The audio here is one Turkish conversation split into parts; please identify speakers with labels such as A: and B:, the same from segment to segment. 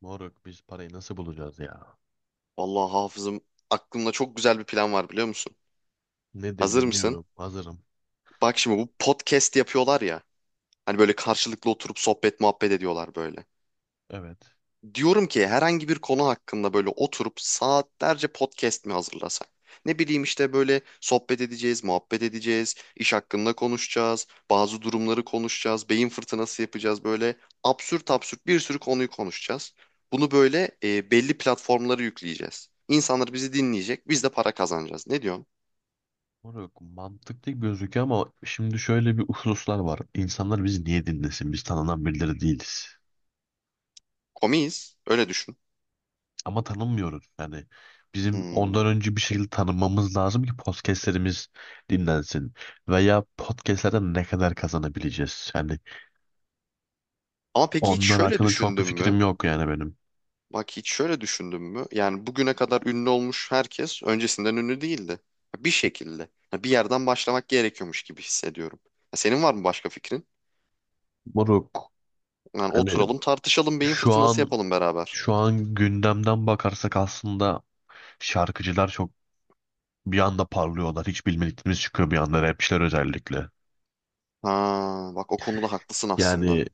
A: Moruk biz parayı nasıl bulacağız ya?
B: Vallahi hafızım aklımda çok güzel bir plan var biliyor musun?
A: Nedir
B: Hazır mısın?
A: dinliyorum. Hazırım.
B: Bak şimdi bu podcast yapıyorlar ya. Hani böyle karşılıklı oturup sohbet muhabbet ediyorlar böyle.
A: Evet.
B: Diyorum ki herhangi bir konu hakkında böyle oturup saatlerce podcast mi hazırlasak? Ne bileyim işte böyle sohbet edeceğiz, muhabbet edeceğiz, iş hakkında konuşacağız, bazı durumları konuşacağız, beyin fırtınası yapacağız böyle absürt absürt bir sürü konuyu konuşacağız. Bunu böyle belli platformlara yükleyeceğiz. İnsanlar bizi dinleyecek, biz de para kazanacağız. Ne diyorsun?
A: Moruk mantıklı gözüküyor ama şimdi şöyle bir hususlar var. İnsanlar bizi niye dinlesin? Biz tanınan birileri değiliz.
B: Komiyiz. Öyle düşün.
A: Ama tanınmıyoruz. Yani bizim
B: Hmm.
A: ondan önce bir şekilde tanınmamız lazım ki podcastlerimiz dinlensin. Veya podcastlerden ne kadar kazanabileceğiz? Yani
B: Ama peki hiç
A: onlar
B: şöyle
A: hakkında çok bir
B: düşündün mü?
A: fikrim yok yani benim.
B: Bak hiç şöyle düşündün mü? Yani bugüne kadar ünlü olmuş herkes öncesinden ünlü değildi. Bir şekilde. Yani bir yerden başlamak gerekiyormuş gibi hissediyorum. Senin var mı başka fikrin?
A: Moruk,
B: Yani
A: hani
B: oturalım tartışalım beyin
A: şu
B: fırtınası
A: an
B: yapalım beraber.
A: şu an gündemden bakarsak aslında şarkıcılar çok bir anda parlıyorlar. Hiç bilmediklerimiz çıkıyor bir anda, rapçiler özellikle.
B: Ha, bak o konuda haklısın aslında.
A: Yani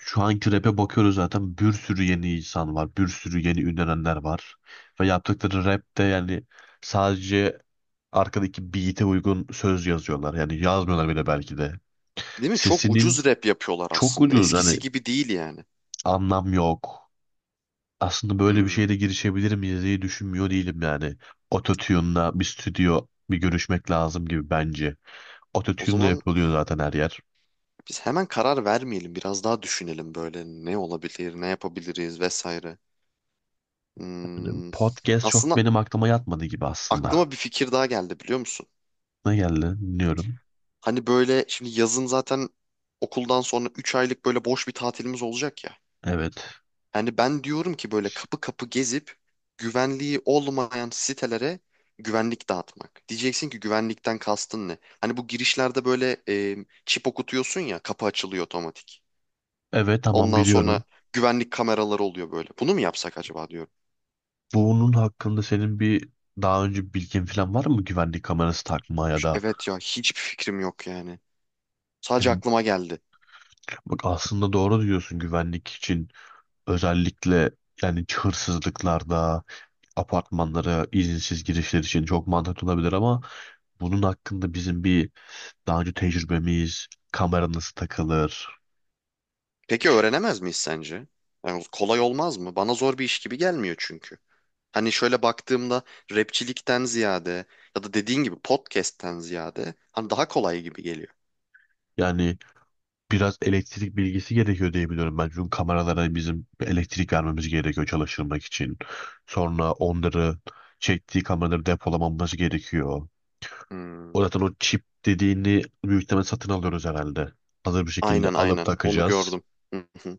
A: şu anki rap'e bakıyoruz, zaten bir sürü yeni insan var. Bir sürü yeni ünlenenler var. Ve yaptıkları rap de yani sadece arkadaki beat'e uygun söz yazıyorlar. Yani yazmıyorlar bile belki de.
B: Değil mi? Çok
A: Sesinin
B: ucuz rap yapıyorlar
A: çok
B: aslında.
A: ucuz. Hani
B: Eskisi gibi değil yani.
A: anlam yok. Aslında böyle bir
B: Hmm.
A: şeyde girişebilir miyiz diye düşünmüyor değilim yani. Ototune'la bir stüdyo bir görüşmek lazım gibi bence.
B: O
A: Ototune'la
B: zaman
A: yapılıyor zaten her yer.
B: biz hemen karar vermeyelim. Biraz daha düşünelim böyle ne olabilir, ne yapabiliriz vesaire.
A: Yani
B: Hmm,
A: podcast çok
B: aslında
A: benim aklıma yatmadı gibi aslında.
B: aklıma bir fikir daha geldi biliyor musun?
A: Ne geldi? Dinliyorum.
B: Hani böyle şimdi yazın zaten okuldan sonra 3 aylık böyle boş bir tatilimiz olacak ya.
A: Evet.
B: Hani ben diyorum ki böyle kapı kapı gezip güvenliği olmayan sitelere güvenlik dağıtmak. Diyeceksin ki güvenlikten kastın ne? Hani bu girişlerde böyle çip okutuyorsun ya kapı açılıyor otomatik.
A: Evet, tamam,
B: Ondan sonra
A: biliyorum.
B: güvenlik kameraları oluyor böyle. Bunu mu yapsak acaba diyorum.
A: Bunun hakkında senin bir daha önce bilgin falan var mı, güvenlik kamerası takma ya
B: Şu-
A: da...
B: Evet ya hiçbir fikrim yok yani. Sadece
A: Yani
B: aklıma geldi.
A: bak, aslında doğru diyorsun, güvenlik için, özellikle yani hırsızlıklarda, apartmanlara izinsiz girişler için çok mantıklı olabilir ama bunun hakkında bizim bir daha önce tecrübemiz, kamera nasıl takılır...
B: Peki öğrenemez miyiz sence? Yani kolay olmaz mı? Bana zor bir iş gibi gelmiyor çünkü. Hani şöyle baktığımda rapçilikten ziyade ya da dediğin gibi podcast'ten ziyade hani daha kolay gibi geliyor.
A: Yani biraz elektrik bilgisi gerekiyor diye biliyorum ben. Çünkü kameralara bizim elektrik vermemiz gerekiyor çalıştırmak için. Sonra onları çektiği kameraları depolamamız gerekiyor. O
B: Hmm,
A: zaten, o çip dediğini büyük ihtimal satın alıyoruz herhalde. Hazır bir şekilde
B: Aynen
A: alıp
B: aynen onu
A: takacağız.
B: gördüm. Hı hı.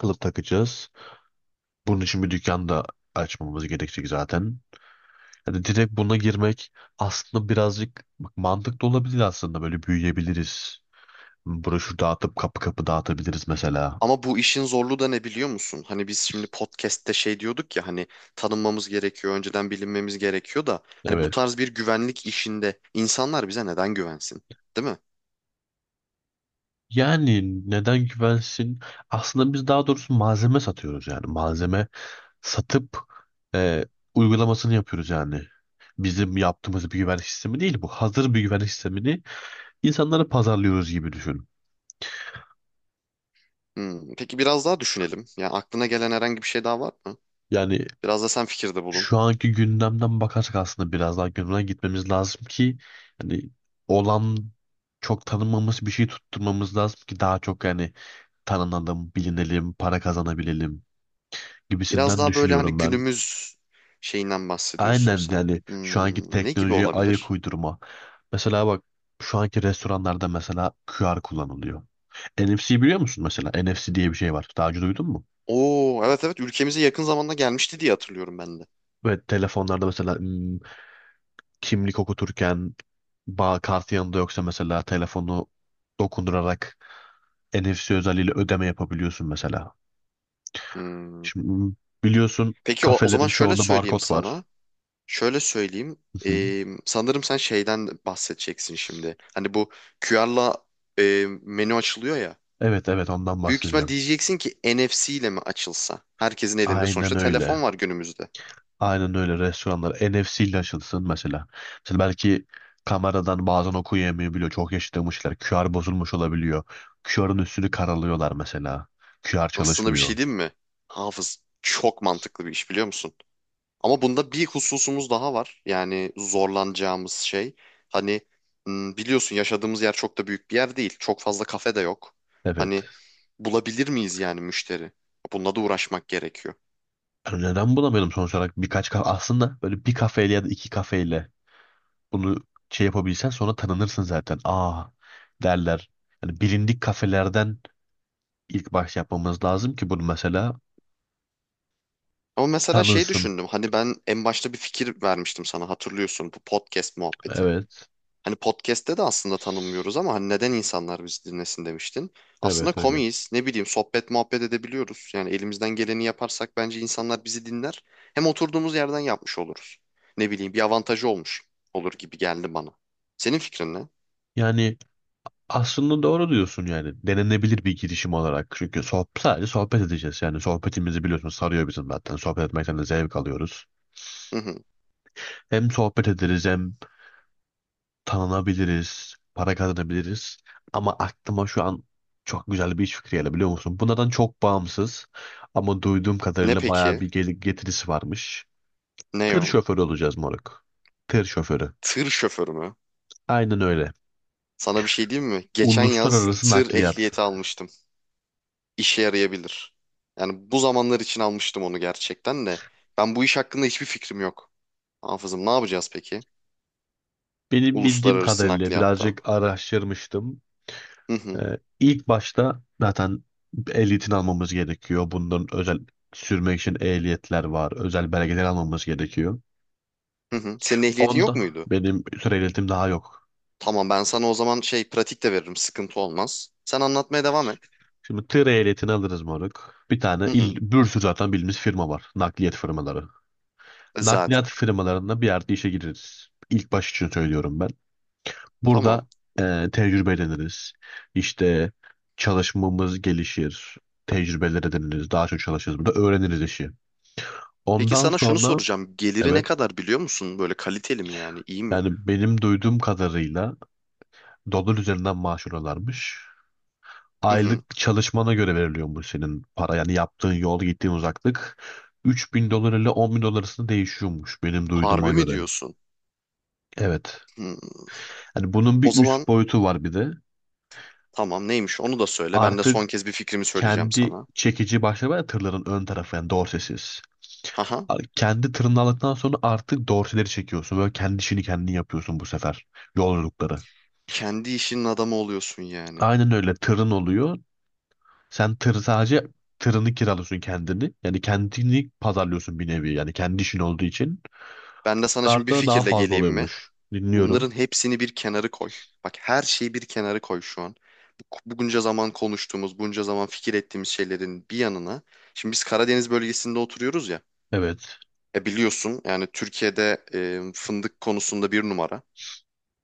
A: Alıp takacağız. Bunun için bir dükkan da açmamız gerekecek zaten. Yani direkt buna girmek aslında birazcık, bak, mantıklı olabilir, aslında böyle büyüyebiliriz. Broşür dağıtıp kapı kapı dağıtabiliriz mesela.
B: Ama bu işin zorluğu da ne biliyor musun? Hani biz şimdi podcast'te şey diyorduk ya hani tanınmamız gerekiyor, önceden bilinmemiz gerekiyor da hani bu
A: Evet.
B: tarz bir güvenlik işinde insanlar bize neden güvensin, değil mi?
A: Yani neden güvensin? Aslında biz daha doğrusu malzeme satıyoruz yani. Malzeme satıp e, uygulamasını yapıyoruz yani. Bizim yaptığımız bir güvenlik sistemi değil bu. Hazır bir güvenlik sistemini insanlara pazarlıyoruz gibi düşün.
B: Peki biraz daha düşünelim. Yani aklına gelen herhangi bir şey daha var mı?
A: Yani
B: Biraz da sen fikirde bulun.
A: şu anki gündemden bakarsak aslında biraz daha gündemden gitmemiz lazım ki yani olan çok tanınmamış bir şey tutturmamız lazım ki daha çok yani tanınalım, bilinelim, para kazanabilelim
B: Biraz
A: gibisinden
B: daha böyle hani
A: düşünüyorum ben.
B: günümüz şeyinden bahsediyorsun
A: Aynen
B: sen.
A: yani şu anki
B: Ne gibi
A: teknolojiye ayak
B: olabilir?
A: uydurma. Mesela bak, şu anki restoranlarda mesela QR kullanılıyor. NFC biliyor musun mesela? NFC diye bir şey var. Daha önce duydun mu?
B: Oo evet evet ülkemize yakın zamanda gelmişti diye hatırlıyorum ben de.
A: Ve telefonlarda mesela kimlik okuturken bağ kartı yanında yoksa mesela telefonu dokundurarak NFC özelliğiyle ödeme yapabiliyorsun mesela.
B: Hmm.
A: Şimdi biliyorsun
B: Peki o zaman
A: kafelerin
B: şöyle
A: çoğunda
B: söyleyeyim
A: barkod var.
B: sana. Şöyle söyleyeyim.
A: Hı hı.
B: Sanırım sen şeyden bahsedeceksin şimdi. Hani bu QR'la menü açılıyor ya.
A: Evet, evet, ondan
B: Büyük ihtimal
A: bahsedeceğim.
B: diyeceksin ki NFC ile mi açılsa? Herkesin elinde
A: Aynen
B: sonuçta
A: öyle.
B: telefon var günümüzde.
A: Aynen öyle, restoranlar NFC ile açılsın mesela. Mesela belki kameradan bazen okuyamayabiliyor. Çok yaşlanmışlar. QR bozulmuş olabiliyor. QR'ın üstünü karalıyorlar mesela. QR
B: Aslında bir
A: çalışmıyor.
B: şey değil mi? Hafız çok mantıklı bir iş biliyor musun? Ama bunda bir hususumuz daha var. Yani zorlanacağımız şey. Hani biliyorsun yaşadığımız yer çok da büyük bir yer değil. Çok fazla kafe de yok. Hani
A: Evet.
B: bulabilir miyiz yani müşteri? Bununla da uğraşmak gerekiyor.
A: Yani neden bulamayalım? Sonuç olarak birkaç kafe, aslında böyle bir kafeyle ya da iki kafeyle bunu şey yapabilsen sonra tanınırsın zaten. Aa derler. Yani bilindik kafelerden ilk baş yapmamız lazım ki bunu mesela
B: Ama mesela şey
A: tanınsın.
B: düşündüm. Hani ben en başta bir fikir vermiştim sana hatırlıyorsun bu podcast muhabbeti.
A: Evet.
B: Hani podcast'te de aslında tanınmıyoruz ama hani neden insanlar bizi dinlesin demiştin. Aslında
A: Evet öyle.
B: komiyiz. Ne bileyim sohbet muhabbet edebiliyoruz. Yani elimizden geleni yaparsak bence insanlar bizi dinler. Hem oturduğumuz yerden yapmış oluruz. Ne bileyim bir avantajı olmuş olur gibi geldi bana. Senin fikrin ne?
A: Yani aslında doğru diyorsun yani. Denenebilir bir girişim olarak. Çünkü sohbet, sadece sohbet edeceğiz. Yani sohbetimizi biliyorsun sarıyor bizim zaten. Sohbet etmekten de zevk alıyoruz.
B: Hı hı.
A: Hem sohbet ederiz hem tanınabiliriz. Para kazanabiliriz. Ama aklıma şu an çok güzel bir iş fikri geldi, biliyor musun? Bunlardan çok bağımsız. Ama duyduğum
B: Ne
A: kadarıyla bayağı
B: peki?
A: bir getirisi varmış.
B: Ne
A: Tır
B: o?
A: şoförü olacağız moruk. Tır şoförü.
B: Tır şoförü mü?
A: Aynen öyle.
B: Sana bir şey diyeyim mi? Geçen yaz
A: Uluslararası
B: tır
A: nakliyat.
B: ehliyeti almıştım. İşe yarayabilir. Yani bu zamanlar için almıştım onu gerçekten de. Ben bu iş hakkında hiçbir fikrim yok. Hafızım ne yapacağız peki?
A: Benim bildiğim
B: Uluslararası
A: kadarıyla
B: nakliyatta.
A: birazcık araştırmıştım.
B: Hı hı.
A: İlk başta zaten ehliyetini almamız gerekiyor. Bunların özel sürmek için ehliyetler var. Özel belgeler almamız gerekiyor.
B: Hı hı. Senin ehliyetin yok
A: Onda
B: muydu?
A: benim tır ehliyetim daha yok.
B: Tamam ben sana o zaman şey pratik de veririm. Sıkıntı olmaz. Sen anlatmaya devam et.
A: Şimdi tır ehliyetini alırız moruk. Bir tane
B: Hı
A: il,
B: hı.
A: bir sürü zaten bildiğimiz firma var. Nakliyat firmaları.
B: E,
A: Nakliyat
B: Zaten.
A: firmalarında bir yerde işe gireriz. İlk baş için söylüyorum ben. Burada
B: Tamam.
A: tecrübe ediniriz. İşte çalışmamız gelişir. Tecrübeler ediniriz. Daha çok çalışırız. Burada öğreniriz işi.
B: Peki
A: Ondan
B: sana şunu
A: sonra...
B: soracağım. Geliri ne
A: Evet.
B: kadar biliyor musun? Böyle kaliteli mi yani? İyi mi?
A: Yani benim duyduğum kadarıyla dolar üzerinden maaş alıyorlarmış.
B: Hı hı.
A: Aylık çalışmana göre veriliyormuş senin para. Yani yaptığın yol, gittiğin uzaklık $3.000 ile 10 bin dolar arasında değişiyormuş benim
B: Harbi
A: duyduğuma
B: mi
A: göre.
B: diyorsun?
A: Evet.
B: Hı.
A: Yani bunun
B: O
A: bir üst
B: zaman
A: boyutu var bir de.
B: tamam neymiş onu da söyle. Ben de
A: Artık
B: son kez bir fikrimi söyleyeceğim
A: kendi
B: sana.
A: çekici başları var ya tırların, ön tarafı yani dorsesiz.
B: Haha.
A: Kendi tırını aldıktan sonra artık dorseleri çekiyorsun. Böyle kendi işini kendin yapıyorsun bu sefer. Yolculukları.
B: Kendi işinin adamı oluyorsun yani.
A: Aynen öyle, tırın oluyor. Sen tır sadece tırını kiralıyorsun kendini. Yani kendini pazarlıyorsun bir nevi. Yani kendi işin olduğu için
B: Ben de sana şimdi bir
A: bunlarda daha
B: fikirle
A: fazla
B: geleyim mi?
A: oluyormuş. Dinliyorum.
B: Bunların hepsini bir kenarı koy. Bak her şeyi bir kenarı koy şu an. Bu- bu Bunca zaman konuştuğumuz, bunca zaman fikir ettiğimiz şeylerin bir yanına. Şimdi biz Karadeniz bölgesinde oturuyoruz ya.
A: Evet.
B: E biliyorsun yani Türkiye'de fındık konusunda bir numara.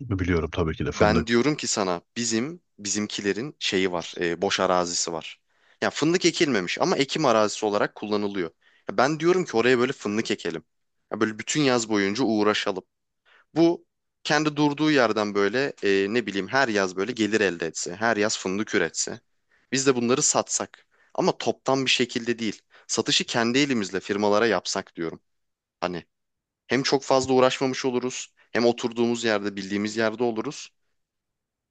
A: Biliyorum tabii ki de fındık.
B: Ben diyorum ki sana bizimkilerin şeyi var, boş arazisi var. Ya fındık ekilmemiş ama ekim arazisi olarak kullanılıyor. Ya ben diyorum ki oraya böyle fındık ekelim. Ya böyle bütün yaz boyunca uğraşalım. Bu kendi durduğu yerden böyle ne bileyim her yaz böyle gelir elde etse, her yaz fındık üretse. Biz de bunları satsak ama toptan bir şekilde değil. Satışı kendi elimizle firmalara yapsak diyorum. Hani hem çok fazla uğraşmamış oluruz, hem oturduğumuz yerde bildiğimiz yerde oluruz,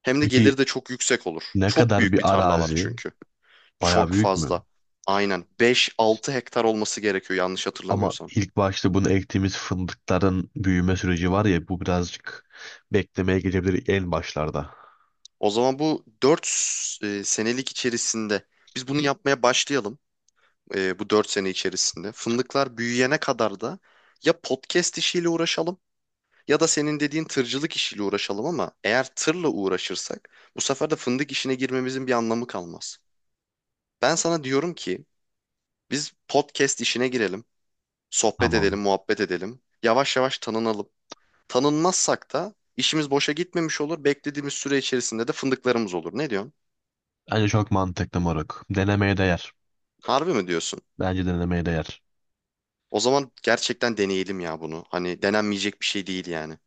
B: hem de
A: Peki
B: gelir de çok yüksek olur.
A: ne
B: Çok
A: kadar
B: büyük bir
A: bir
B: tarla var
A: arazi?
B: çünkü.
A: Bayağı
B: Çok
A: büyük mü?
B: fazla. Aynen 5-6 hektar olması gerekiyor yanlış
A: Ama
B: hatırlamıyorsam.
A: ilk başta bunu ektiğimiz fındıkların büyüme süreci var ya bu birazcık beklemeye gelebilir en başlarda.
B: O zaman bu 4 senelik içerisinde biz bunu yapmaya başlayalım. Bu 4 sene içerisinde. Fındıklar büyüyene kadar da ya podcast işiyle uğraşalım ya da senin dediğin tırcılık işiyle uğraşalım ama eğer tırla uğraşırsak bu sefer de fındık işine girmemizin bir anlamı kalmaz. Ben sana diyorum ki biz podcast işine girelim, sohbet
A: Tamam.
B: edelim, muhabbet edelim, yavaş yavaş tanınalım. Tanınmazsak da işimiz boşa gitmemiş olur, beklediğimiz süre içerisinde de fındıklarımız olur. Ne diyorsun?
A: Bence çok mantıklı moruk. Denemeye değer.
B: Harbi mi diyorsun?
A: Bence denemeye değer.
B: O zaman gerçekten deneyelim ya bunu. Hani denenmeyecek bir şey değil yani.